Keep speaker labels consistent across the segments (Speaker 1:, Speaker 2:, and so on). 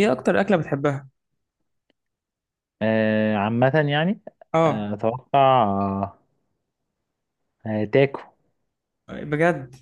Speaker 1: ايه اكتر اكله بتحبها؟
Speaker 2: آه، عامة يعني.
Speaker 1: اه،
Speaker 2: آه أتوقع. آه. آه، تاكو.
Speaker 1: بجد؟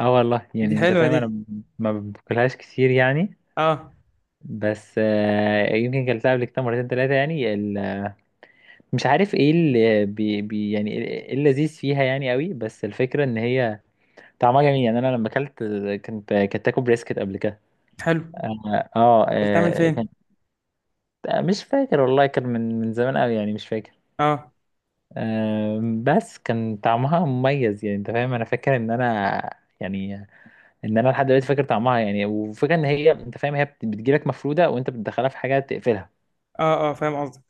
Speaker 2: اه والله،
Speaker 1: دي
Speaker 2: يعني انت
Speaker 1: حلوه
Speaker 2: فاهم
Speaker 1: دي.
Speaker 2: انا ما باكلهاش كتير يعني.
Speaker 1: اه.
Speaker 2: بس آه يمكن كلتها قبل كده مرتين 3 يعني مش عارف ايه اللي بي يعني ايه اللذيذ فيها يعني قوي، بس الفكرة ان هي طعمها جميل. يعني انا لما اكلت كنت تاكو بريسكت قبل كده.
Speaker 1: حلو. اكلتها من
Speaker 2: كان
Speaker 1: فين؟
Speaker 2: مش فاكر والله، كان من زمان قوي يعني مش فاكر.
Speaker 1: اه
Speaker 2: بس كان طعمها مميز، يعني انت فاهم انا فاكر ان انا يعني ان انا لحد دلوقتي فاكر طعمها. يعني وفكرة ان هي، انت فاهم، هي بتجيلك مفرودة وانت بتدخلها في حاجة تقفلها.
Speaker 1: اه، اه فاهم قصدك.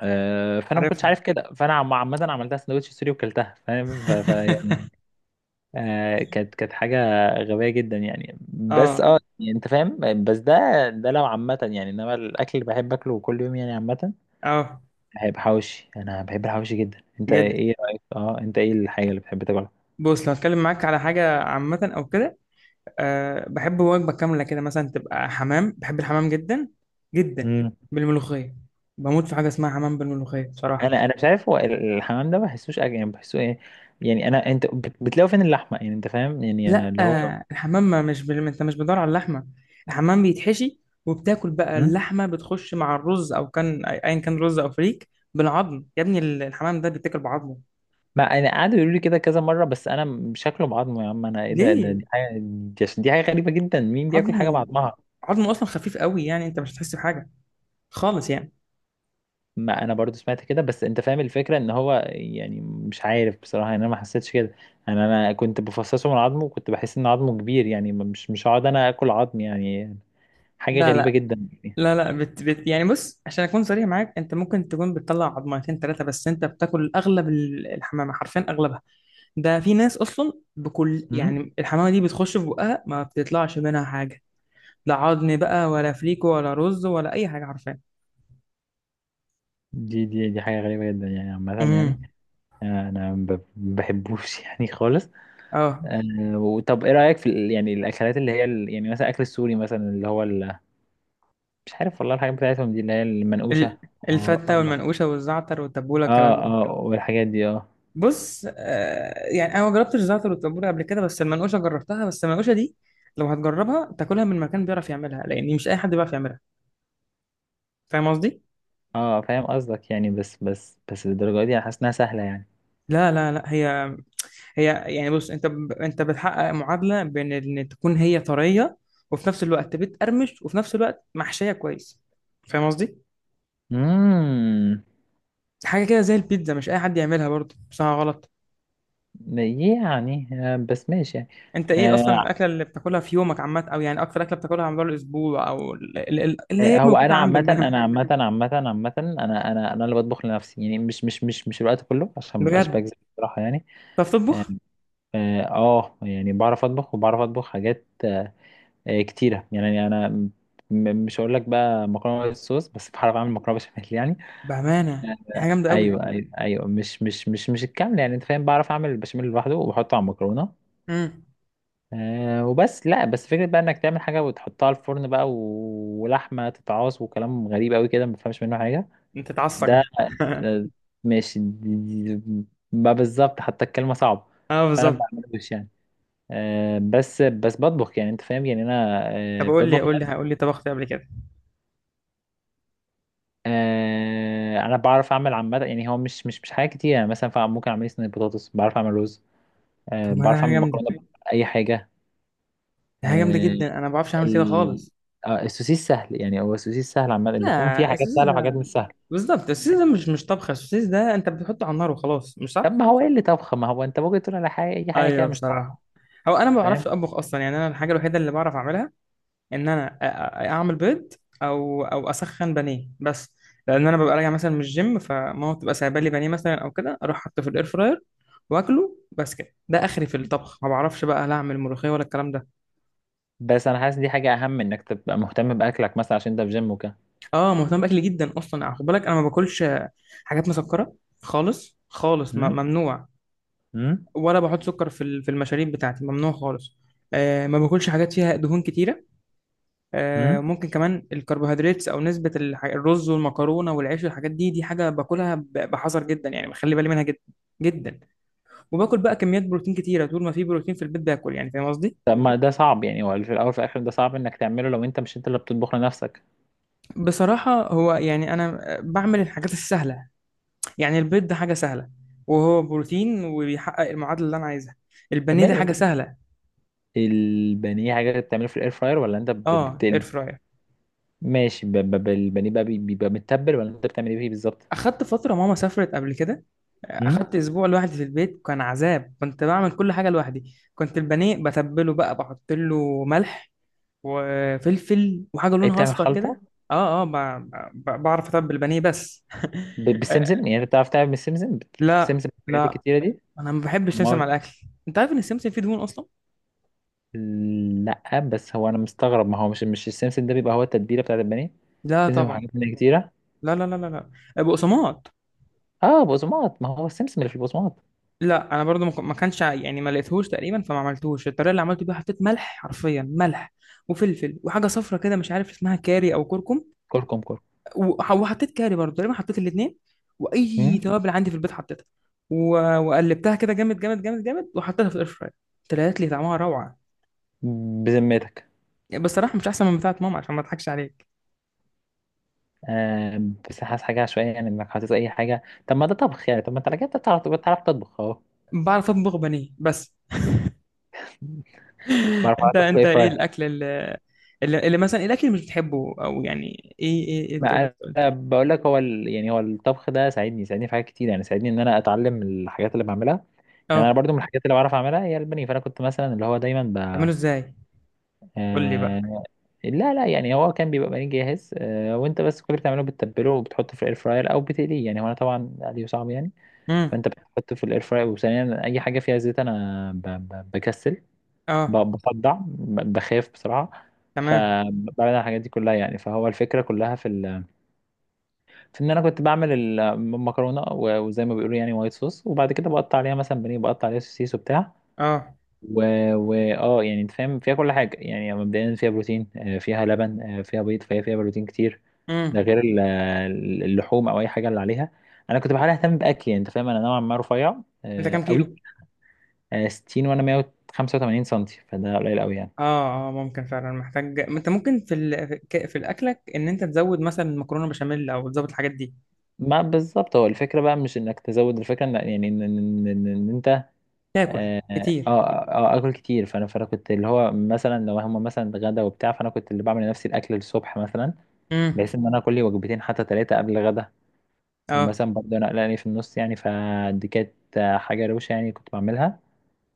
Speaker 2: آه، فانا ما كنتش
Speaker 1: عارفها.
Speaker 2: عارف كده، فانا عامة عملتها سندوتش سوري وكلتها، فاهم، يعني آه، كانت حاجة غبية جدا يعني. بس
Speaker 1: اه
Speaker 2: اه يعني انت فاهم، بس ده ده لو عامة يعني. انما الاكل اللي بحب اكله كل يوم يعني عامة
Speaker 1: اه.
Speaker 2: هيبقى حواوشي. انا بحب الحواوشي جدا. انت
Speaker 1: جد؟
Speaker 2: ايه رأيك؟ اه، انت ايه الحاجة اللي بتحب تاكلها؟
Speaker 1: بص، لو اتكلم معاك على حاجه عامه او كده، أه بحب وجبه كامله كده مثلا تبقى حمام، بحب الحمام جدا جدا، بالملوخيه. بموت في حاجه اسمها حمام بالملوخيه بصراحه.
Speaker 2: انا مش عارف، هو الحمام ده ما بحسوش اكل يعني، بحسه ايه يعني. انا انت بتلاقوا فين اللحمه يعني؟ انت فاهم، يعني انا
Speaker 1: لا
Speaker 2: اللي هو.
Speaker 1: آه، الحمام ما مش انت مش بتدور على اللحمه. الحمام بيتحشي وبتاكل بقى
Speaker 2: مم؟
Speaker 1: اللحمه، بتخش مع الرز او كان ايا كان رز او فريك بالعظم يا ابني. الحمام ده بيتاكل بعظمه.
Speaker 2: ما انا قعدوا يقولوا لي كده كذا مره، بس انا شكله بعظمه يا عم. انا ايه ده
Speaker 1: ليه؟
Speaker 2: دي حاجه، دي حاجه غريبه جدا. مين بياكل حاجه
Speaker 1: عظمه.
Speaker 2: بعظمها؟
Speaker 1: عظمه اصلا خفيف قوي، يعني انت مش هتحس بحاجه خالص يعني.
Speaker 2: ما انا برضو سمعت كده، بس انت فاهم الفكره ان هو يعني مش عارف بصراحه يعني. انا ما حسيتش كده. انا كنت بفصصه من عظمه وكنت بحس ان عظمه كبير يعني، مش هقعد انا اكل عظم يعني، حاجه
Speaker 1: لا
Speaker 2: غريبه
Speaker 1: لا
Speaker 2: جدا يعني.
Speaker 1: لا يعني بص، عشان اكون صريح معاك، انت ممكن تكون بتطلع عظمتين ثلاثه، بس انت بتاكل اغلب الحمامه، حرفيا اغلبها. ده في ناس اصلا بكل،
Speaker 2: مم؟
Speaker 1: يعني الحمامه دي بتخش في بقها ما بتطلعش منها حاجه، لا عظم بقى ولا فليكو ولا رز ولا اي حاجه، عارفاه.
Speaker 2: دي حاجه غريبه جدا يعني عامه يعني.
Speaker 1: امم.
Speaker 2: انا ما بحبوش يعني خالص.
Speaker 1: اه.
Speaker 2: أه، طب ايه رايك في يعني الاكلات اللي هي يعني مثلا اكل السوري مثلا اللي هو مش عارف والله، الحاجات بتاعتهم دي اللي هي المنقوشه.
Speaker 1: ال-
Speaker 2: اه
Speaker 1: الفته
Speaker 2: اه
Speaker 1: والمنقوشه والزعتر والتبوله الكلام ده.
Speaker 2: آه، والحاجات دي اه.
Speaker 1: بص آه، يعني انا ما جربتش الزعتر والتبوله قبل كده، بس المنقوشه جربتها. بس المنقوشه دي لو هتجربها تاكلها من مكان بيعرف يعملها، لان مش اي حد بيعرف يعملها. فاهم قصدي؟
Speaker 2: اه فاهم قصدك يعني، بس بس الدرجه دي انا حاسس انها سهله يعني.
Speaker 1: لا هي يعني. بص، انت انت بتحقق معادله بين ان تكون هي طريه، وفي نفس الوقت بتقرمش، وفي نفس الوقت محشيه كويس. فاهم قصدي؟
Speaker 2: امم.
Speaker 1: حاجه كده زي البيتزا، مش اي حد يعملها برضه، صح ولا غلط؟
Speaker 2: يعني آه، بس ماشي يعني.
Speaker 1: انت ايه اصلا
Speaker 2: آه
Speaker 1: الاكله اللي بتاكلها في يومك عامه، او يعني اكتر اكله بتاكلها على مدار الاسبوع، او اللي
Speaker 2: آه،
Speaker 1: هي
Speaker 2: هو
Speaker 1: موجوده
Speaker 2: انا
Speaker 1: عندك
Speaker 2: عامه،
Speaker 1: دايما؟
Speaker 2: انا عامه. عامه انا اللي بطبخ لنفسي يعني، مش الوقت كله، عشان مبقاش
Speaker 1: بجد؟
Speaker 2: بكذب بصراحه يعني.
Speaker 1: بتعرف تطبخ؟
Speaker 2: اه آه، يعني بعرف اطبخ، وبعرف اطبخ حاجات آه، كتيره يعني. انا مش هقول لك بقى مكرونه بالصوص، بس بعرف اعمل مكرونه بشاميل يعني.
Speaker 1: بامانه دي حاجه جامده قوي.
Speaker 2: ايوه ايوه ايوه، مش الكامل يعني، انت فاهم، بعرف اعمل البشاميل لوحده وبحطه على المكرونه.
Speaker 1: امم.
Speaker 2: أه وبس. لا، بس فكره بقى انك تعمل حاجه وتحطها على الفرن بقى، ولحمه تتعاص وكلام غريب قوي كده، ما بفهمش منه حاجه.
Speaker 1: انت
Speaker 2: ده
Speaker 1: تعصب؟
Speaker 2: آه، ماشي ما بالظبط حتى الكلمه صعبه.
Speaker 1: اه
Speaker 2: فانا ما
Speaker 1: بالظبط.
Speaker 2: بعملوش يعني. آه، بس بس بطبخ يعني، انت فاهم يعني، انا
Speaker 1: طب
Speaker 2: آه،
Speaker 1: قول لي
Speaker 2: بطبخ
Speaker 1: قول لي قول
Speaker 2: لنفسي.
Speaker 1: لي، طبخت إيه قبل كده؟
Speaker 2: آه، انا بعرف اعمل عامه يعني، هو مش حاجه كتير يعني. مثلا ممكن اعمل لي صينيه بطاطس. بعرف اعمل رز.
Speaker 1: طب
Speaker 2: آه،
Speaker 1: ما ده
Speaker 2: بعرف
Speaker 1: حاجه
Speaker 2: اعمل
Speaker 1: جامده،
Speaker 2: مكرونه. اي حاجه.
Speaker 1: ده حاجه جامده
Speaker 2: آه،
Speaker 1: جدا، انا ما بعرفش اعمل كده
Speaker 2: ال-
Speaker 1: خالص.
Speaker 2: آه، السوسيس سهل يعني. هو السوسيس سهل عامه. اللحوم فيها
Speaker 1: لا
Speaker 2: حاجات
Speaker 1: السوسيس
Speaker 2: سهله وحاجات
Speaker 1: ده،
Speaker 2: مش سهله.
Speaker 1: بالظبط السوسيس ده مش مش طبخه، السوسيس ده انت بتحطه على النار وخلاص، مش
Speaker 2: طب
Speaker 1: صح؟
Speaker 2: ما هو ايه اللي طبخه؟ ما هو انت ممكن تقول على حاجه اي حاجه
Speaker 1: ايوه
Speaker 2: كده مش
Speaker 1: بصراحه،
Speaker 2: طبخه.
Speaker 1: هو انا ما بعرفش
Speaker 2: فاهم.
Speaker 1: اطبخ اصلا، يعني انا الحاجه الوحيده اللي بعرف اعملها ان انا اعمل بيض، او اسخن بانيه بس، لان انا ببقى راجع مثلا من الجيم فماما بتبقى سايبه لي بانيه مثلا، او كده اروح حاطه في الاير فراير واكله، بس كده. ده اخري في الطبخ، ما بعرفش بقى لا اعمل ملوخيه ولا الكلام ده.
Speaker 2: بس انا حاسس دي حاجه اهم، انك تبقى مهتم باكلك مثلا عشان انت في جيم وكده.
Speaker 1: اه مهتم باكلي جدا اصلا، خد بالك انا ما باكلش حاجات مسكره خالص خالص، ممنوع.
Speaker 2: امم.
Speaker 1: ولا بحط سكر في في المشاريب بتاعتي، ممنوع خالص. آه ما باكلش حاجات فيها دهون كتيره. آه،
Speaker 2: امم.
Speaker 1: ممكن كمان الكربوهيدرات او نسبه الرز والمكرونه والعيش والحاجات دي، دي حاجه باكلها بحذر جدا، يعني بخلي بالي منها جدا جدا. وباكل بقى كميات بروتين كتيره، طول ما في بروتين في البيت باكل، يعني فاهم قصدي.
Speaker 2: طب ما ده صعب يعني، هو في الاول وفي الاخر ده صعب انك تعمله لو انت مش انت اللي بتطبخ لنفسك.
Speaker 1: بصراحه هو يعني انا آه، بعمل الحاجات السهله. يعني البيض ده حاجه سهله، وهو بروتين وبيحقق المعادله اللي انا عايزها. البانيه
Speaker 2: اما
Speaker 1: ده حاجه
Speaker 2: انت
Speaker 1: سهله.
Speaker 2: البانيه حاجه بتعمله في الاير فراير ولا انت
Speaker 1: اه اير
Speaker 2: بتقلي؟
Speaker 1: فراير.
Speaker 2: ماشي، البانيه بقى بيبقى متبل ولا انت بتعمل ايه فيه بالظبط؟
Speaker 1: اخدت فتره ماما سافرت قبل كده،
Speaker 2: امم.
Speaker 1: اخدت اسبوع لوحدي في البيت، كان عذاب، كنت بعمل كل حاجه لوحدي. كنت البانيه بتبله بقى، بحط له ملح وفلفل وحاجه
Speaker 2: ايه،
Speaker 1: لونها
Speaker 2: بتعمل
Speaker 1: اصفر كده.
Speaker 2: خلطه؟
Speaker 1: اه اه، بعرف اتبل البانيه بس.
Speaker 2: بالسمسم يعني، انت بتعرف تعمل بالسمسم؟
Speaker 1: لا
Speaker 2: بتسمسم الحاجات
Speaker 1: لا،
Speaker 2: الكتيره دي؟
Speaker 1: انا ما بحبش سمسم
Speaker 2: ما
Speaker 1: على الاكل. انت عارف ان السمسم فيه دهون اصلا.
Speaker 2: لا، بس هو انا مستغرب، ما هو مش السمسم ده بيبقى هو التتبيله بتاعت البانيه؟
Speaker 1: لا
Speaker 2: سمسم
Speaker 1: طبعا.
Speaker 2: وحاجات تانية كتيره.
Speaker 1: لا، لا بقسماط.
Speaker 2: اه بقسماط، ما هو السمسم اللي في البقسماط.
Speaker 1: لا انا برضو ما كانش يعني ما لقيتهوش تقريبا، فما عملتوش. الطريقه اللي عملته بيها، حطيت ملح، حرفيا ملح، وفلفل، وحاجه صفرة كده مش عارف اسمها، كاري او كركم.
Speaker 2: كركم كركم.
Speaker 1: وح- وحطيت كاري برضو تقريبا، حطيت الاثنين، واي
Speaker 2: امم.
Speaker 1: توابل عندي في البيت حطيتها. و وقلبتها كده جامد جامد جامد جامد، وحطيتها في الاير فراير. طلعت لي طعمها روعه.
Speaker 2: بذمتك؟
Speaker 1: يعني بصراحه مش احسن من بتاعه ماما، عشان ما اضحكش عليك.
Speaker 2: بس حاسس حاجة عشوائية يعني، انك حاطط اي حاجة. طب ما ده طبخ يعني. طب ما انت على كده بتعرف، بتعرف تطبخ اهو.
Speaker 1: بعرف اطبخ بانيه بس.
Speaker 2: بعرف
Speaker 1: انت
Speaker 2: اطبخ ايه
Speaker 1: انت ايه
Speaker 2: فراي.
Speaker 1: الاكل اللي، اللي مثلا، إيه الاكل اللي مش بتحبه، او يعني إيه تقدر
Speaker 2: ما
Speaker 1: تقول؟
Speaker 2: انا بقول لك، هو ال... يعني هو الطبخ ده ساعدني في حاجات كتير يعني، ساعدني ان انا اتعلم الحاجات اللي بعملها. يعني
Speaker 1: اه
Speaker 2: انا برضو من الحاجات اللي بعرف اعملها هي البانيه. فانا كنت مثلا اللي هو دايما
Speaker 1: تعمله ازاي؟ قول لي بقى.
Speaker 2: آه... لا لا، يعني هو كان بيبقى بانيه جاهز، وانت بس كل اللي بتعمله بتتبله وبتحطه في الاير فراير او بتقليه. يعني هو انا طبعا قلي صعب يعني.
Speaker 1: امم.
Speaker 2: فانت بتحطه في الاير فراير. وثانيا اي حاجه فيها زيت انا بكسل،
Speaker 1: اه.
Speaker 2: بصدع، بخاف بسرعة.
Speaker 1: تمام.
Speaker 2: فبعمل الحاجات دي كلها يعني. فهو الفكرة كلها في ال... في ان انا كنت بعمل المكرونة وزي ما بيقولوا يعني وايت صوص، وبعد كده بقطع عليها مثلا بانيه، بقطع عليها سوسيس وبتاع
Speaker 1: اه.
Speaker 2: و... اه، يعني انت فاهم، فيها كل حاجة يعني. مبدئيا فيها بروتين آه، فيها لبن آه، فيها بيض، فهي فيها بروتين كتير. ده
Speaker 1: امم.
Speaker 2: غير اللحوم او اي حاجة اللي عليها. انا كنت بحاول اهتم باكلي يعني، انت فاهم انا نوعا ما رفيع
Speaker 1: انت
Speaker 2: آه،
Speaker 1: كام
Speaker 2: قوي.
Speaker 1: كيلو؟
Speaker 2: آه، 60، وانا 185 سم، فده قليل قوي يعني.
Speaker 1: اه اه، ممكن فعلا محتاج، انت ممكن في في في الاكلك ان انت تزود مثلا مكرونه بشاميل، او تزود الحاجات دي.
Speaker 2: ما بالظبط، هو الفكرة بقى مش انك تزود، الفكرة ان يعني ان إن انت.
Speaker 1: تاكل
Speaker 2: اه اه
Speaker 1: كتير.
Speaker 2: آه، آه، اكل كتير. فانا كنت اللي هو مثلا لو هما مثلا غدا وبتاع، فانا كنت اللي بعمل لنفسي الاكل الصبح مثلا،
Speaker 1: امم.
Speaker 2: بحيث ان انا اكل لي وجبتين حتى 3 قبل الغدا.
Speaker 1: اه.
Speaker 2: ومثلا برضه انا قلقاني في النص يعني، فدي كانت آه، حاجة روشة يعني، كنت بعملها.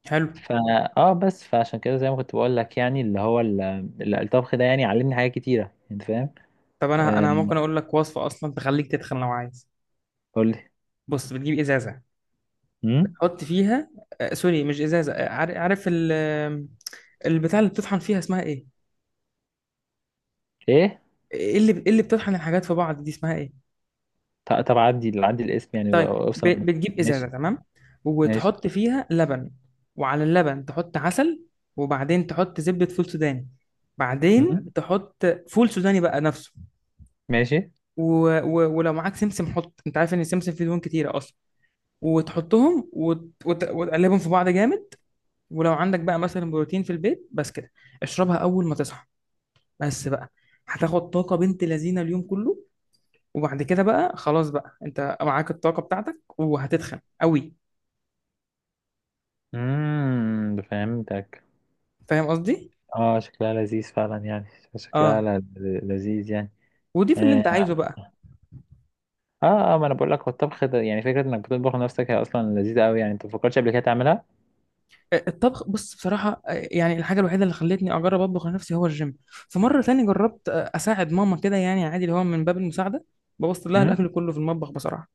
Speaker 1: حلو.
Speaker 2: فا اه بس، فعشان كده زي ما كنت بقول لك، يعني اللي هو الطبخ ده يعني علمني حاجات كتيرة، انت فاهم؟
Speaker 1: طب انا
Speaker 2: آه،
Speaker 1: انا ممكن اقول لك وصفه اصلا تخليك تتخن لو عايز.
Speaker 2: قول لي.
Speaker 1: بص بتجيب ازازه،
Speaker 2: امم.
Speaker 1: بتحط فيها، آه سوري مش ازازه، آه، عارف آه، البتاع اللي بتطحن فيها اسمها ايه؟
Speaker 2: ايه.
Speaker 1: ايه اللي، إيه اللي بتطحن الحاجات في بعض دي اسمها ايه؟
Speaker 2: طب عدي الاسم يعني،
Speaker 1: طيب.
Speaker 2: اوصل
Speaker 1: بتجيب
Speaker 2: ماشي.
Speaker 1: ازازه، تمام،
Speaker 2: ماشي.
Speaker 1: وتحط فيها لبن، وعلى اللبن تحط عسل، وبعدين تحط زبده فول سوداني، بعدين
Speaker 2: مم.
Speaker 1: تحط فول سوداني بقى نفسه.
Speaker 2: ماشي.
Speaker 1: و... ولو معاك سمسم حط، انت عارف ان السمسم فيه دهون كتيره اصلا، وتحطهم وتقلبهم في بعض جامد. ولو عندك بقى مثلا بروتين في البيت، بس كده، اشربها اول ما تصحى، بس بقى. هتاخد طاقه بنت لذينه اليوم كله. وبعد كده بقى خلاص، بقى انت معاك الطاقه بتاعتك، وهتتخن قوي.
Speaker 2: امم، فهمتك.
Speaker 1: فاهم قصدي؟
Speaker 2: اه، شكلها لذيذ فعلا يعني، شكلها
Speaker 1: اه
Speaker 2: لذيذ يعني.
Speaker 1: وضيف اللي
Speaker 2: اه
Speaker 1: انت عايزه بقى.
Speaker 2: اه آه، ما انا بقول لك، هو الطبخ ده يعني فكره انك بتطبخ لنفسك هي اصلا لذيذه قوي يعني. انت ما فكرتش قبل كده تعملها؟
Speaker 1: الطبخ، بص بصراحة آه، يعني الحاجة الوحيدة اللي خلتني أجرب أطبخ لنفسي هو الجيم. في مرة تاني جربت آه، أساعد ماما كده يعني عادي، اللي هو من باب المساعدة، بوظت لها
Speaker 2: امم.
Speaker 1: الأكل كله في المطبخ بصراحة.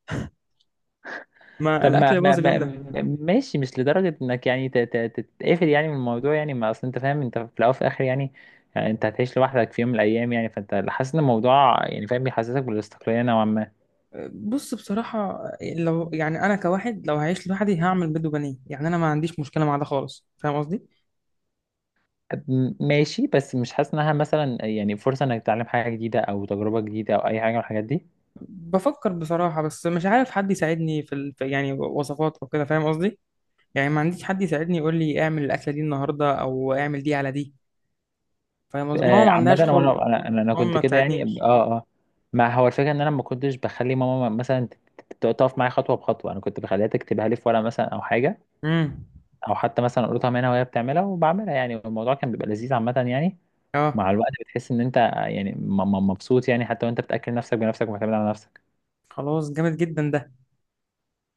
Speaker 1: ما
Speaker 2: طب
Speaker 1: الأكل باظ اليوم ده.
Speaker 2: ماشي، مش لدرجه انك يعني تتقفل يعني من الموضوع يعني. ما اصل انت فاهم، انت في الاول وفي الاخر يعني، يعني انت هتعيش لوحدك في يوم من الايام يعني، فانت حاسس ان الموضوع، يعني فاهم، بيحسسك بالاستقلاليه نوعا ما.
Speaker 1: آه، بص بصراحة آه، لو يعني أنا كواحد لو هعيش لوحدي هعمل بيض وبانيه، يعني أنا ما عنديش مشكلة مع ده خالص. فاهم قصدي؟
Speaker 2: ماشي، بس مش حاسس انها مثلا يعني فرصه انك تتعلم حاجه جديده او تجربه جديده او اي حاجه من الحاجات دي؟
Speaker 1: بفكر بصراحة، بس مش عارف حد يساعدني في يعني وصفات أو كده، فاهم قصدي؟ يعني ما عنديش حد يساعدني يقول لي اعمل الأكلة دي النهاردة أو اعمل دي على دي. فاهم قصدي؟ ماما
Speaker 2: آه،
Speaker 1: ما
Speaker 2: عامه
Speaker 1: عندهاش
Speaker 2: انا،
Speaker 1: خلق.
Speaker 2: لا انا أنا
Speaker 1: ماما
Speaker 2: كنت
Speaker 1: ما
Speaker 2: كده يعني
Speaker 1: بتساعدنيش.
Speaker 2: اه اه. ما هو الفكره ان انا ما كنتش بخلي ماما مثلا تقف معايا خطوه بخطوه. انا كنت بخليها تكتبها لي في ورقه مثلا او حاجه،
Speaker 1: امم.
Speaker 2: او حتى مثلا اقولها منها وهي بتعملها وبعملها. يعني الموضوع كان بيبقى لذيذ عامه يعني.
Speaker 1: اه
Speaker 2: مع الوقت بتحس ان انت يعني مبسوط يعني حتى وانت بتاكل نفسك بنفسك ومعتمد على نفسك.
Speaker 1: خلاص جامد جدا ده.